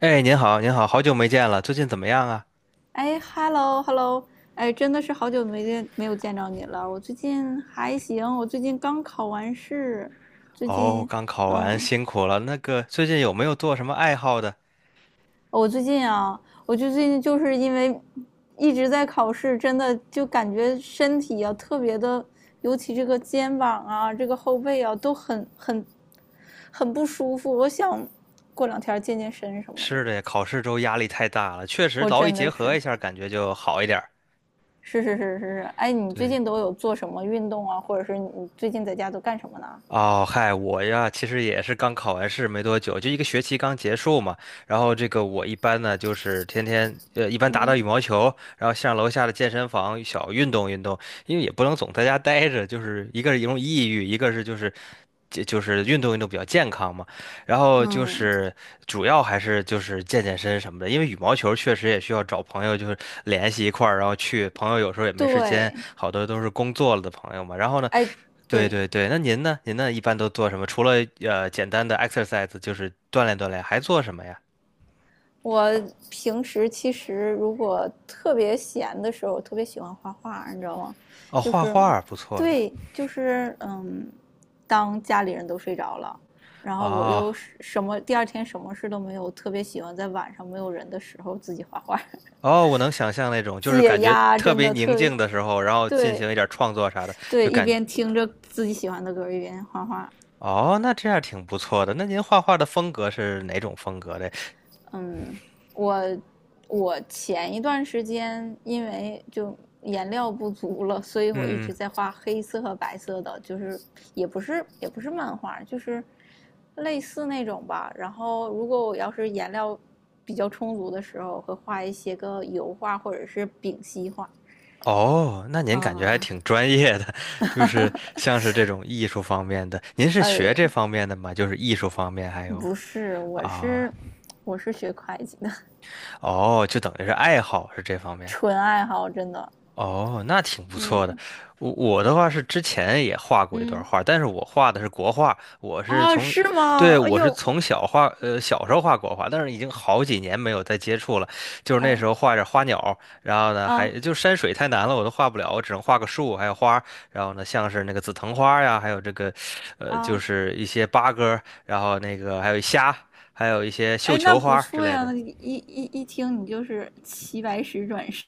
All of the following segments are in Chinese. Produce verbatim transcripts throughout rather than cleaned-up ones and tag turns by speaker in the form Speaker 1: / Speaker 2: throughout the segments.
Speaker 1: 哎，您好，您好，好久没见了，最近怎么样啊？
Speaker 2: 哎，hello，hello，哎，真的是好久没见，没有见着你了。我最近还行，我最近刚考完试，最
Speaker 1: 哦，
Speaker 2: 近，
Speaker 1: 刚考完，
Speaker 2: 嗯，
Speaker 1: 辛苦了。那个，最近有没有做什么爱好的？
Speaker 2: 我最近啊，我就最近就是因为一直在考试，真的就感觉身体啊特别的，尤其这个肩膀啊，这个后背啊都很很很不舒服。我想过两天健健身什么的，
Speaker 1: 是的呀，考试周压力太大了，确实
Speaker 2: 我
Speaker 1: 劳逸
Speaker 2: 真
Speaker 1: 结
Speaker 2: 的
Speaker 1: 合
Speaker 2: 是。
Speaker 1: 一下，感觉就好一点儿。
Speaker 2: 是是是是是，哎，你最
Speaker 1: 对，
Speaker 2: 近都有做什么运动啊，或者是你最近在家都干什么呢？
Speaker 1: 哦，嗨，我呀，其实也是刚考完试没多久，就一个学期刚结束嘛。然后这个我一般呢，就是天天呃，一般打打
Speaker 2: 嗯
Speaker 1: 羽毛球，然后上楼下的健身房小运动运动，因为也不能总在家待着，就是一个是容易抑郁，一个是就是就就是运动运动比较健康嘛。然后就
Speaker 2: 嗯，
Speaker 1: 是主要还是就是健健身什么的，因为羽毛球确实也需要找朋友就是联系一块儿，然后去。朋友有时候也没时间，
Speaker 2: 对，
Speaker 1: 好多都是工作了的朋友嘛。然后呢，
Speaker 2: 哎，
Speaker 1: 对
Speaker 2: 对，
Speaker 1: 对对，那您呢？您呢一般都做什么？除了呃简单的 exercise，就是锻炼锻炼，还做什么呀？
Speaker 2: 我平时其实如果特别闲的时候，我特别喜欢画画，你知道吗？
Speaker 1: 哦，
Speaker 2: 就
Speaker 1: 画
Speaker 2: 是，
Speaker 1: 画不错的。
Speaker 2: 对，就是嗯，当家里人都睡着了，然后我
Speaker 1: 哦
Speaker 2: 又是什么第二天什么事都没有，我特别喜欢在晚上没有人的时候自己画画，
Speaker 1: 哦，我能想象那种，就是
Speaker 2: 解
Speaker 1: 感觉
Speaker 2: 压，
Speaker 1: 特
Speaker 2: 真
Speaker 1: 别
Speaker 2: 的
Speaker 1: 宁
Speaker 2: 特别
Speaker 1: 静的时候，然后进
Speaker 2: 对。
Speaker 1: 行一点创作啥的，就
Speaker 2: 对，一
Speaker 1: 感
Speaker 2: 边听着自己喜欢的歌，一边画画。
Speaker 1: 哦，那这样挺不错的。那您画画的风格是哪种风格的？
Speaker 2: 嗯，我我前一段时间因为就颜料不足了，所以我一
Speaker 1: 嗯，
Speaker 2: 直在画黑色和白色的，就是也不是也不是漫画，就是类似那种吧。然后如果我要是颜料比较充足的时候，会画一些个油画或者是丙烯画。
Speaker 1: 哦，那您感觉还
Speaker 2: 啊、
Speaker 1: 挺专业的，就是像是这种艺术方面的。您是学
Speaker 2: 呃，
Speaker 1: 这
Speaker 2: 呃
Speaker 1: 方面的吗？就是艺术方面还有
Speaker 2: 不是，我
Speaker 1: 啊。
Speaker 2: 是我是学会计的，
Speaker 1: 哦，就等于是爱好是这方面。
Speaker 2: 纯爱好，真的。
Speaker 1: 哦，那挺不错的。
Speaker 2: 嗯，
Speaker 1: 我我的话是之前也画过一段
Speaker 2: 嗯，
Speaker 1: 画，但是我画的是国画，我是
Speaker 2: 啊，
Speaker 1: 从，
Speaker 2: 是吗？
Speaker 1: 对，
Speaker 2: 哎
Speaker 1: 我是
Speaker 2: 呦，
Speaker 1: 从小画，呃，小时候画国画，但是已经好几年没有再接触了。就是那
Speaker 2: 哎，
Speaker 1: 时候画点花鸟，然后呢，还
Speaker 2: 啊
Speaker 1: 就山水太难了，我都画不了，我只能画个树，还有花儿然后呢，像是那个紫藤花呀，还有这个，呃，就
Speaker 2: 啊，
Speaker 1: 是一些八哥儿然后那个还有虾，还有一些绣
Speaker 2: 哎，那
Speaker 1: 球花
Speaker 2: 不
Speaker 1: 儿之
Speaker 2: 错
Speaker 1: 类
Speaker 2: 呀，
Speaker 1: 的。
Speaker 2: 那一一一听你就是齐白石转世，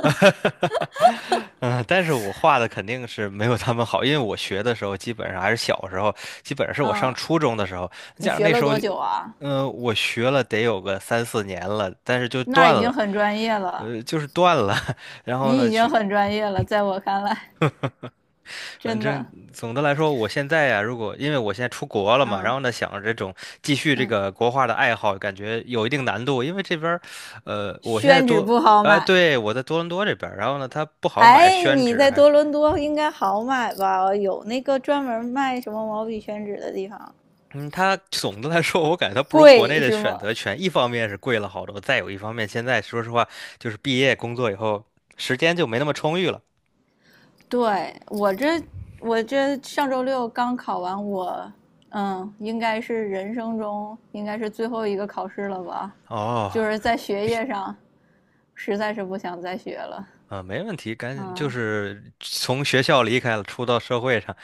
Speaker 1: 嗯，但是我画的肯定是没有他们好，因为我学的时候基本上还是小时候，基本上是 我上
Speaker 2: 嗯，
Speaker 1: 初中的时候，
Speaker 2: 你
Speaker 1: 加上
Speaker 2: 学
Speaker 1: 那时
Speaker 2: 了
Speaker 1: 候，
Speaker 2: 多久啊？
Speaker 1: 嗯、我学了得有个三四年了，但是就
Speaker 2: 那
Speaker 1: 断
Speaker 2: 已经
Speaker 1: 了，
Speaker 2: 很专业了，
Speaker 1: 呃，就是断了。然后
Speaker 2: 你
Speaker 1: 呢，
Speaker 2: 已经
Speaker 1: 去，
Speaker 2: 很专业了，在我看来，
Speaker 1: 反
Speaker 2: 真
Speaker 1: 正
Speaker 2: 的，
Speaker 1: 总的来说，我现在呀、如果因为我现在出国了嘛，然
Speaker 2: 嗯
Speaker 1: 后呢，想着这种继续这
Speaker 2: 嗯，
Speaker 1: 个国画的爱好，感觉有一定难度，因为这边儿呃，我现在
Speaker 2: 宣纸
Speaker 1: 多。
Speaker 2: 不好
Speaker 1: 呃，
Speaker 2: 买，
Speaker 1: 对，我在多伦多这边儿然后呢，它不好买
Speaker 2: 哎，
Speaker 1: 宣
Speaker 2: 你
Speaker 1: 纸，
Speaker 2: 在
Speaker 1: 还。
Speaker 2: 多伦多应该好买吧？有那个专门卖什么毛笔宣纸的地方，
Speaker 1: 嗯，它总的来说，我感觉它不如国内
Speaker 2: 贵
Speaker 1: 的
Speaker 2: 是
Speaker 1: 选
Speaker 2: 吗？
Speaker 1: 择权。一方面是贵了好多，再有一方面，现在说实话，就是毕业工作以后，时间就没那么充裕了。
Speaker 2: 对，我这我这上周六刚考完我，嗯，应该是人生中应该是最后一个考试了吧？
Speaker 1: 哦，
Speaker 2: 就是在学业上实在是不想再学了，
Speaker 1: 啊，没问题，赶紧就
Speaker 2: 嗯，
Speaker 1: 是从学校离开了，出到社会上，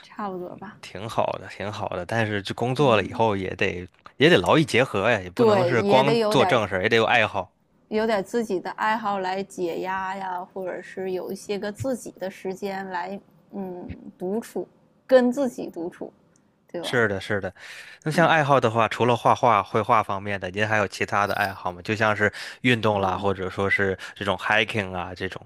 Speaker 2: 差不多吧，
Speaker 1: 挺好的，挺好的。但是就工作了以
Speaker 2: 嗯，
Speaker 1: 后，也得也得劳逸结合呀，也不能
Speaker 2: 对，
Speaker 1: 是
Speaker 2: 也
Speaker 1: 光
Speaker 2: 得有
Speaker 1: 做
Speaker 2: 点
Speaker 1: 正事儿，也得有爱好。
Speaker 2: 有点自己的爱好来解压呀，或者是有一些个自己的时间来，嗯，独处，跟自己独处，对吧？
Speaker 1: 是的，是的。那像
Speaker 2: 嗯
Speaker 1: 爱好的话，除了画画、绘画方面的，您还有其他的爱好吗？就像是运动啦，
Speaker 2: 嗯，
Speaker 1: 或者说是这种 hiking 啊这种。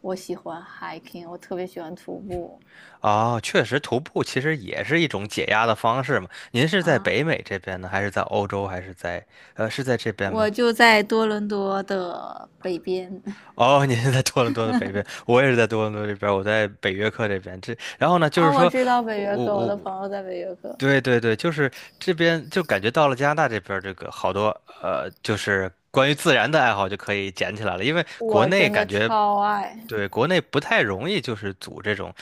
Speaker 2: 我喜欢 hiking，我特别喜欢徒步
Speaker 1: 哦，确实，徒步其实也是一种解压的方式嘛。您是在
Speaker 2: 啊。
Speaker 1: 北
Speaker 2: 嗯
Speaker 1: 美这边呢，还是在欧洲，还是在呃是在这边
Speaker 2: 我
Speaker 1: 吗？
Speaker 2: 就在多伦多的北边
Speaker 1: 哦，您是在多伦多的北边，我也是在多伦多这边，我在北约克这边。这然后呢，就
Speaker 2: 啊，
Speaker 1: 是
Speaker 2: 我
Speaker 1: 说
Speaker 2: 知道北约
Speaker 1: 我
Speaker 2: 克，我的
Speaker 1: 我
Speaker 2: 朋友在北约克，
Speaker 1: 对对对，就是这边就感觉到了加拿大这边儿这个好多呃，就是关于自然的爱好就可以捡起来了，因为国
Speaker 2: 我
Speaker 1: 内
Speaker 2: 真的
Speaker 1: 感觉
Speaker 2: 超爱，
Speaker 1: 对国内不太容易，就是组这种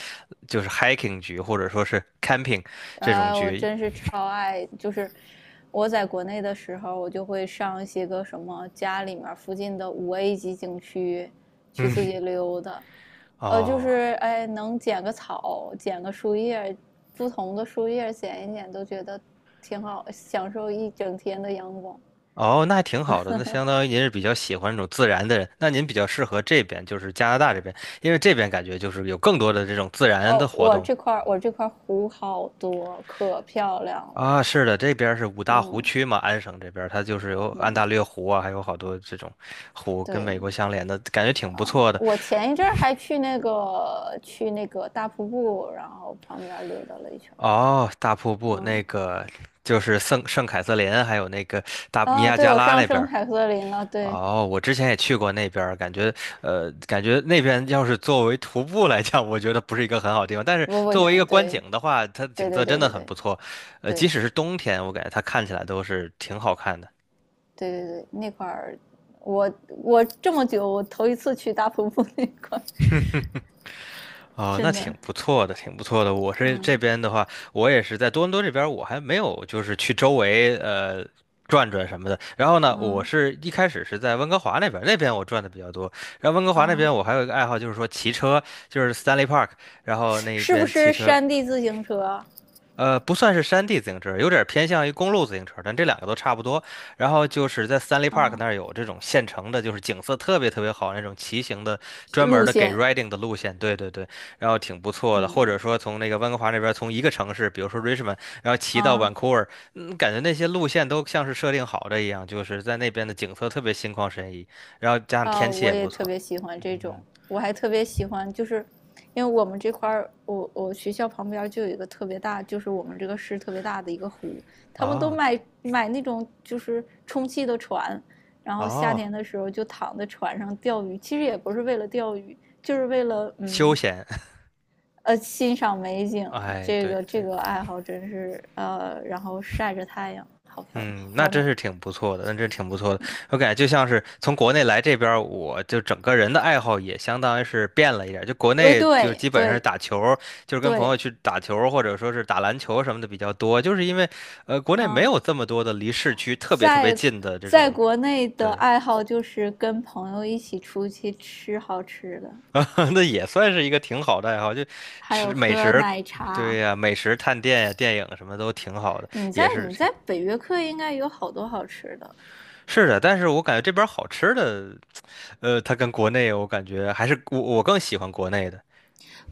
Speaker 1: 就是 hiking 局或者说是 camping 这种
Speaker 2: 啊，我
Speaker 1: 局。
Speaker 2: 真是超爱。就是我在国内的时候，我就会上一些个什么家里面附近的五 A 级景区去自
Speaker 1: 嗯，
Speaker 2: 己溜达，呃，就
Speaker 1: 哦
Speaker 2: 是哎，能捡个草，捡个树叶，不同的树叶捡一捡，都觉得挺好，享受一整天的阳光。
Speaker 1: 哦，那还挺好的，那相当于您是比较喜欢这种自然的人，那您比较适合这边，就是加拿大这边，因为这边感觉就是有更多的这种自然的
Speaker 2: 哦，
Speaker 1: 活
Speaker 2: 我
Speaker 1: 动。
Speaker 2: 这块儿我这块湖好多，可漂亮了。
Speaker 1: 啊，是的，这边儿是五大湖
Speaker 2: 嗯
Speaker 1: 区嘛，安省这边儿它就是有安
Speaker 2: 嗯，
Speaker 1: 大略湖啊，还有好多这种湖跟
Speaker 2: 对
Speaker 1: 美国相连的，感觉挺
Speaker 2: 啊、
Speaker 1: 不
Speaker 2: 嗯
Speaker 1: 错的。
Speaker 2: 我前一阵儿还去那个去那个大瀑布，然后旁边溜达了一圈
Speaker 1: 哦，大瀑布那
Speaker 2: 嗯
Speaker 1: 个就是圣圣凯瑟琳，还有那个大尼
Speaker 2: 啊，
Speaker 1: 亚
Speaker 2: 对，
Speaker 1: 加
Speaker 2: 我
Speaker 1: 拉
Speaker 2: 上
Speaker 1: 那边
Speaker 2: 圣
Speaker 1: 儿
Speaker 2: 凯瑟琳了。对，
Speaker 1: 哦，我之前也去过那边儿感觉呃，感觉那边要是作为徒步来讲，我觉得不是一个很好地方。但是
Speaker 2: 不不
Speaker 1: 作为一
Speaker 2: 行，
Speaker 1: 个观
Speaker 2: 对
Speaker 1: 景的话，它的
Speaker 2: 对
Speaker 1: 景
Speaker 2: 对对
Speaker 1: 色真
Speaker 2: 对
Speaker 1: 的
Speaker 2: 对
Speaker 1: 很
Speaker 2: 对
Speaker 1: 不错。呃，即
Speaker 2: 对
Speaker 1: 使是冬天，我感觉它看起来都是挺好看的。
Speaker 2: 对对，那块儿我我这么久我头一次去大瀑布那块儿，
Speaker 1: 哦，那
Speaker 2: 真
Speaker 1: 挺
Speaker 2: 的，
Speaker 1: 不错的，挺不错的。我是这
Speaker 2: 嗯
Speaker 1: 边的话，我也是在多伦多这边，我还没有就是去周围呃转转什么的。然后呢，我
Speaker 2: 嗯
Speaker 1: 是一开始是在温哥华那边，那边我转的比较多。然后温哥华那
Speaker 2: 啊，
Speaker 1: 边我还有一个爱好，就是说骑车，就是 Stanley Park，然后那
Speaker 2: 是不
Speaker 1: 边骑
Speaker 2: 是
Speaker 1: 车
Speaker 2: 山地自行车啊
Speaker 1: 呃，不算是山地自行车，有点偏向于公路自行车，但这两个都差不多。然后就是在 Stanley Park
Speaker 2: 啊
Speaker 1: 那儿有这种现成的，就是景色特别特别好那种骑行的，专门
Speaker 2: 路
Speaker 1: 的给
Speaker 2: 线？
Speaker 1: riding 的路线。对对对，然后挺不错的。或者
Speaker 2: 嗯
Speaker 1: 说从那个温哥华那边，从一个城市，比如说 Richmond，然后骑到
Speaker 2: 啊
Speaker 1: Vancouver，嗯感觉那些路线都像是设定好的一样，就是在那边的景色特别心旷神怡，然后加上
Speaker 2: 啊，
Speaker 1: 天气
Speaker 2: 我
Speaker 1: 也
Speaker 2: 也
Speaker 1: 不
Speaker 2: 特
Speaker 1: 错。
Speaker 2: 别喜欢这
Speaker 1: 嗯，
Speaker 2: 种，我还特别喜欢，就是因为我们这块儿，我我学校旁边儿就有一个特别大，就是我们这个市特别大的一个湖，他们都
Speaker 1: 哦
Speaker 2: 买买那种就是充气的船，然后夏
Speaker 1: 哦，
Speaker 2: 天的时候就躺在船上钓鱼，其实也不是为了钓鱼，就是为了
Speaker 1: 休
Speaker 2: 嗯
Speaker 1: 闲，
Speaker 2: 呃欣赏美 景，
Speaker 1: 哎，
Speaker 2: 这
Speaker 1: 对
Speaker 2: 个这
Speaker 1: 对。
Speaker 2: 个爱好真是呃，然后晒着太阳，好漂亮
Speaker 1: 嗯，那
Speaker 2: 好
Speaker 1: 真
Speaker 2: 美，
Speaker 1: 是挺不错的，那真是挺不错的。我感觉就像是从国内来这边儿我就整个人的爱好也相当于是变了一点儿就国
Speaker 2: 呃，
Speaker 1: 内就
Speaker 2: 对
Speaker 1: 基本上是
Speaker 2: 对
Speaker 1: 打球儿就是跟朋友
Speaker 2: 对，
Speaker 1: 去打球儿或者说是打篮球什么的比较多，就是因为呃国内没
Speaker 2: 嗯。
Speaker 1: 有这么多的离市区特别特别
Speaker 2: 在
Speaker 1: 近的这种，
Speaker 2: 在国内的
Speaker 1: 对，
Speaker 2: 爱好就是跟朋友一起出去吃好吃的，
Speaker 1: 那也算是一个挺好的爱好，就
Speaker 2: 还有
Speaker 1: 吃美
Speaker 2: 喝
Speaker 1: 食。
Speaker 2: 奶
Speaker 1: 对
Speaker 2: 茶。
Speaker 1: 呀，美食探店呀，电影什么都挺好的，
Speaker 2: 你
Speaker 1: 也
Speaker 2: 在
Speaker 1: 是
Speaker 2: 你
Speaker 1: 挺
Speaker 2: 在北约克应该有好多好吃的，
Speaker 1: 是的。但是我感觉这边儿好吃的。呃，它跟国内我感觉还是我我更喜欢国内的。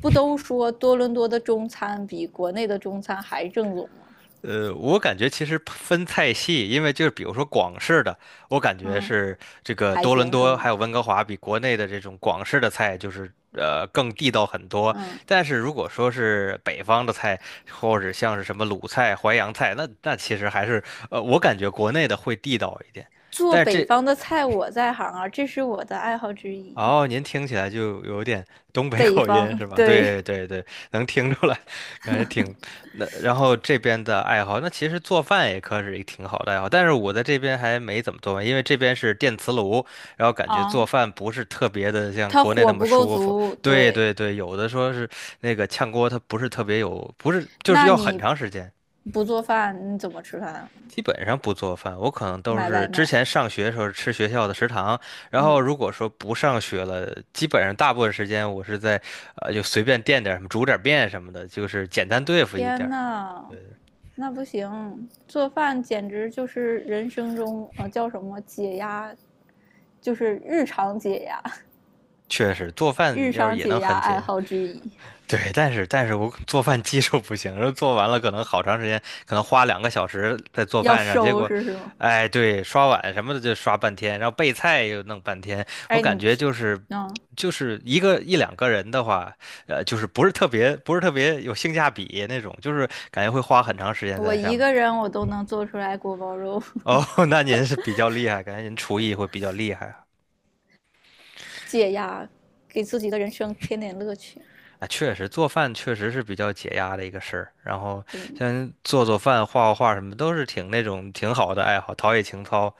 Speaker 2: 不都说多伦多的中餐比国内的中餐还正宗吗？
Speaker 1: 呃，我感觉其实分菜系，因为就是比如说广式的，我感觉
Speaker 2: 嗯，
Speaker 1: 是这个
Speaker 2: 还
Speaker 1: 多伦
Speaker 2: 行是
Speaker 1: 多还
Speaker 2: 吗？
Speaker 1: 有温哥华比国内的这种广式的菜就是呃更地道很多。
Speaker 2: 嗯，
Speaker 1: 但是如果说是北方的菜，或者像是什么鲁菜、淮扬菜，那那其实还是呃我感觉国内的会地道一点。
Speaker 2: 做
Speaker 1: 但是这
Speaker 2: 北方的菜我在行啊，这是我的爱好之一。
Speaker 1: 哦，您听起来就有点东北
Speaker 2: 北
Speaker 1: 口音
Speaker 2: 方，
Speaker 1: 是吧？对
Speaker 2: 对
Speaker 1: 对对，能听出来，感觉挺那。然后这边的爱好，那其实做饭也可是一个挺好的爱好，但是我在这边还没怎么做饭，因为这边是电磁炉，然后感觉
Speaker 2: 啊，
Speaker 1: 做饭不是特别的像
Speaker 2: 它
Speaker 1: 国内
Speaker 2: 火
Speaker 1: 那么
Speaker 2: 不够
Speaker 1: 舒服。
Speaker 2: 足，
Speaker 1: 对
Speaker 2: 对。
Speaker 1: 对对，有的说是那个炝锅，它不是特别有，不是就是
Speaker 2: 那
Speaker 1: 要很
Speaker 2: 你
Speaker 1: 长时间。
Speaker 2: 不做饭，你怎么吃饭啊？
Speaker 1: 基本上不做饭，我可能都
Speaker 2: 买
Speaker 1: 是
Speaker 2: 外
Speaker 1: 之
Speaker 2: 卖。
Speaker 1: 前上学的时候吃学校的食堂，然后
Speaker 2: 嗯，
Speaker 1: 如果说不上学了，基本上大部分时间我是在，呃，就随便垫点儿什么，煮点儿面什么的，就是简单对付一点
Speaker 2: 天
Speaker 1: 儿。
Speaker 2: 呐，那不行，做饭简直就是人生中呃叫什么解压，就是日常解压，
Speaker 1: 确实，做饭
Speaker 2: 日
Speaker 1: 要是
Speaker 2: 常
Speaker 1: 也
Speaker 2: 解
Speaker 1: 能
Speaker 2: 压
Speaker 1: 很解
Speaker 2: 爱
Speaker 1: 压。
Speaker 2: 好之一。
Speaker 1: 对，但是但是我做饭技术不行，然后做完了可能好长时间，可能花两个小时在做
Speaker 2: 要
Speaker 1: 饭上，结
Speaker 2: 收
Speaker 1: 果，
Speaker 2: 拾是吗？
Speaker 1: 哎，对，刷碗什么的就刷半天，然后备菜又弄半天，我
Speaker 2: 哎，
Speaker 1: 感
Speaker 2: 你，
Speaker 1: 觉就是
Speaker 2: 嗯，
Speaker 1: 就是一个一两个人的话，呃，就是不是特别不是特别有性价比那种，就是感觉会花很长时间
Speaker 2: 我
Speaker 1: 在上
Speaker 2: 一
Speaker 1: 面。
Speaker 2: 个人我都能做出来锅包肉
Speaker 1: 哦，那您是比较厉害，感觉您厨艺会比较厉害。
Speaker 2: 解压，给自己的人生添点乐趣。
Speaker 1: 啊，确实做饭确实是比较解压的一个事儿。然后
Speaker 2: 对
Speaker 1: 像做做饭、画画画什么，都是挺那种挺好的爱好，陶冶情操。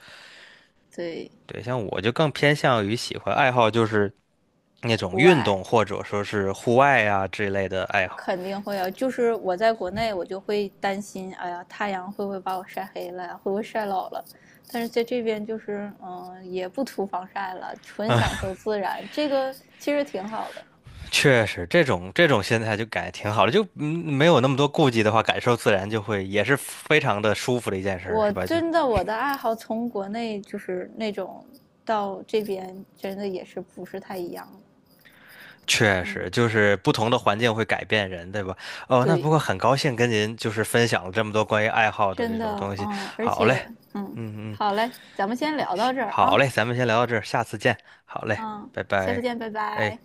Speaker 2: 对，
Speaker 1: 对，像我就更偏向于喜欢爱好就是那种
Speaker 2: 户
Speaker 1: 运动
Speaker 2: 外
Speaker 1: 或者说是户外啊这类的爱好。
Speaker 2: 肯定会啊，就是我在国内，我就会担心，哎呀，太阳会不会把我晒黑了呀？会不会晒老了？但是在这边就是，嗯，也不涂防晒了，纯
Speaker 1: 嗯，
Speaker 2: 享受自然，这个其实挺好的。
Speaker 1: 确实这种这种心态就感觉挺好的，就嗯没有那么多顾忌的话，感受自然就会也是非常的舒服的一件事儿，
Speaker 2: 我
Speaker 1: 是吧？就
Speaker 2: 真的我的爱好从国内就是那种到这边，真的也是不是太一样。
Speaker 1: 确
Speaker 2: 嗯，
Speaker 1: 实，就是不同的环境会改变人，对吧？哦，那不
Speaker 2: 对，
Speaker 1: 过很高兴跟您就是分享了这么多关于爱好的这
Speaker 2: 真
Speaker 1: 种
Speaker 2: 的，
Speaker 1: 东西。
Speaker 2: 嗯，而
Speaker 1: 好嘞，
Speaker 2: 且，嗯，
Speaker 1: 嗯嗯，
Speaker 2: 好嘞，咱们先聊到这儿
Speaker 1: 好
Speaker 2: 啊，
Speaker 1: 嘞，咱们先聊到这儿，下次见。好嘞，
Speaker 2: 嗯，
Speaker 1: 拜
Speaker 2: 下次
Speaker 1: 拜。
Speaker 2: 见，拜
Speaker 1: 哎。
Speaker 2: 拜。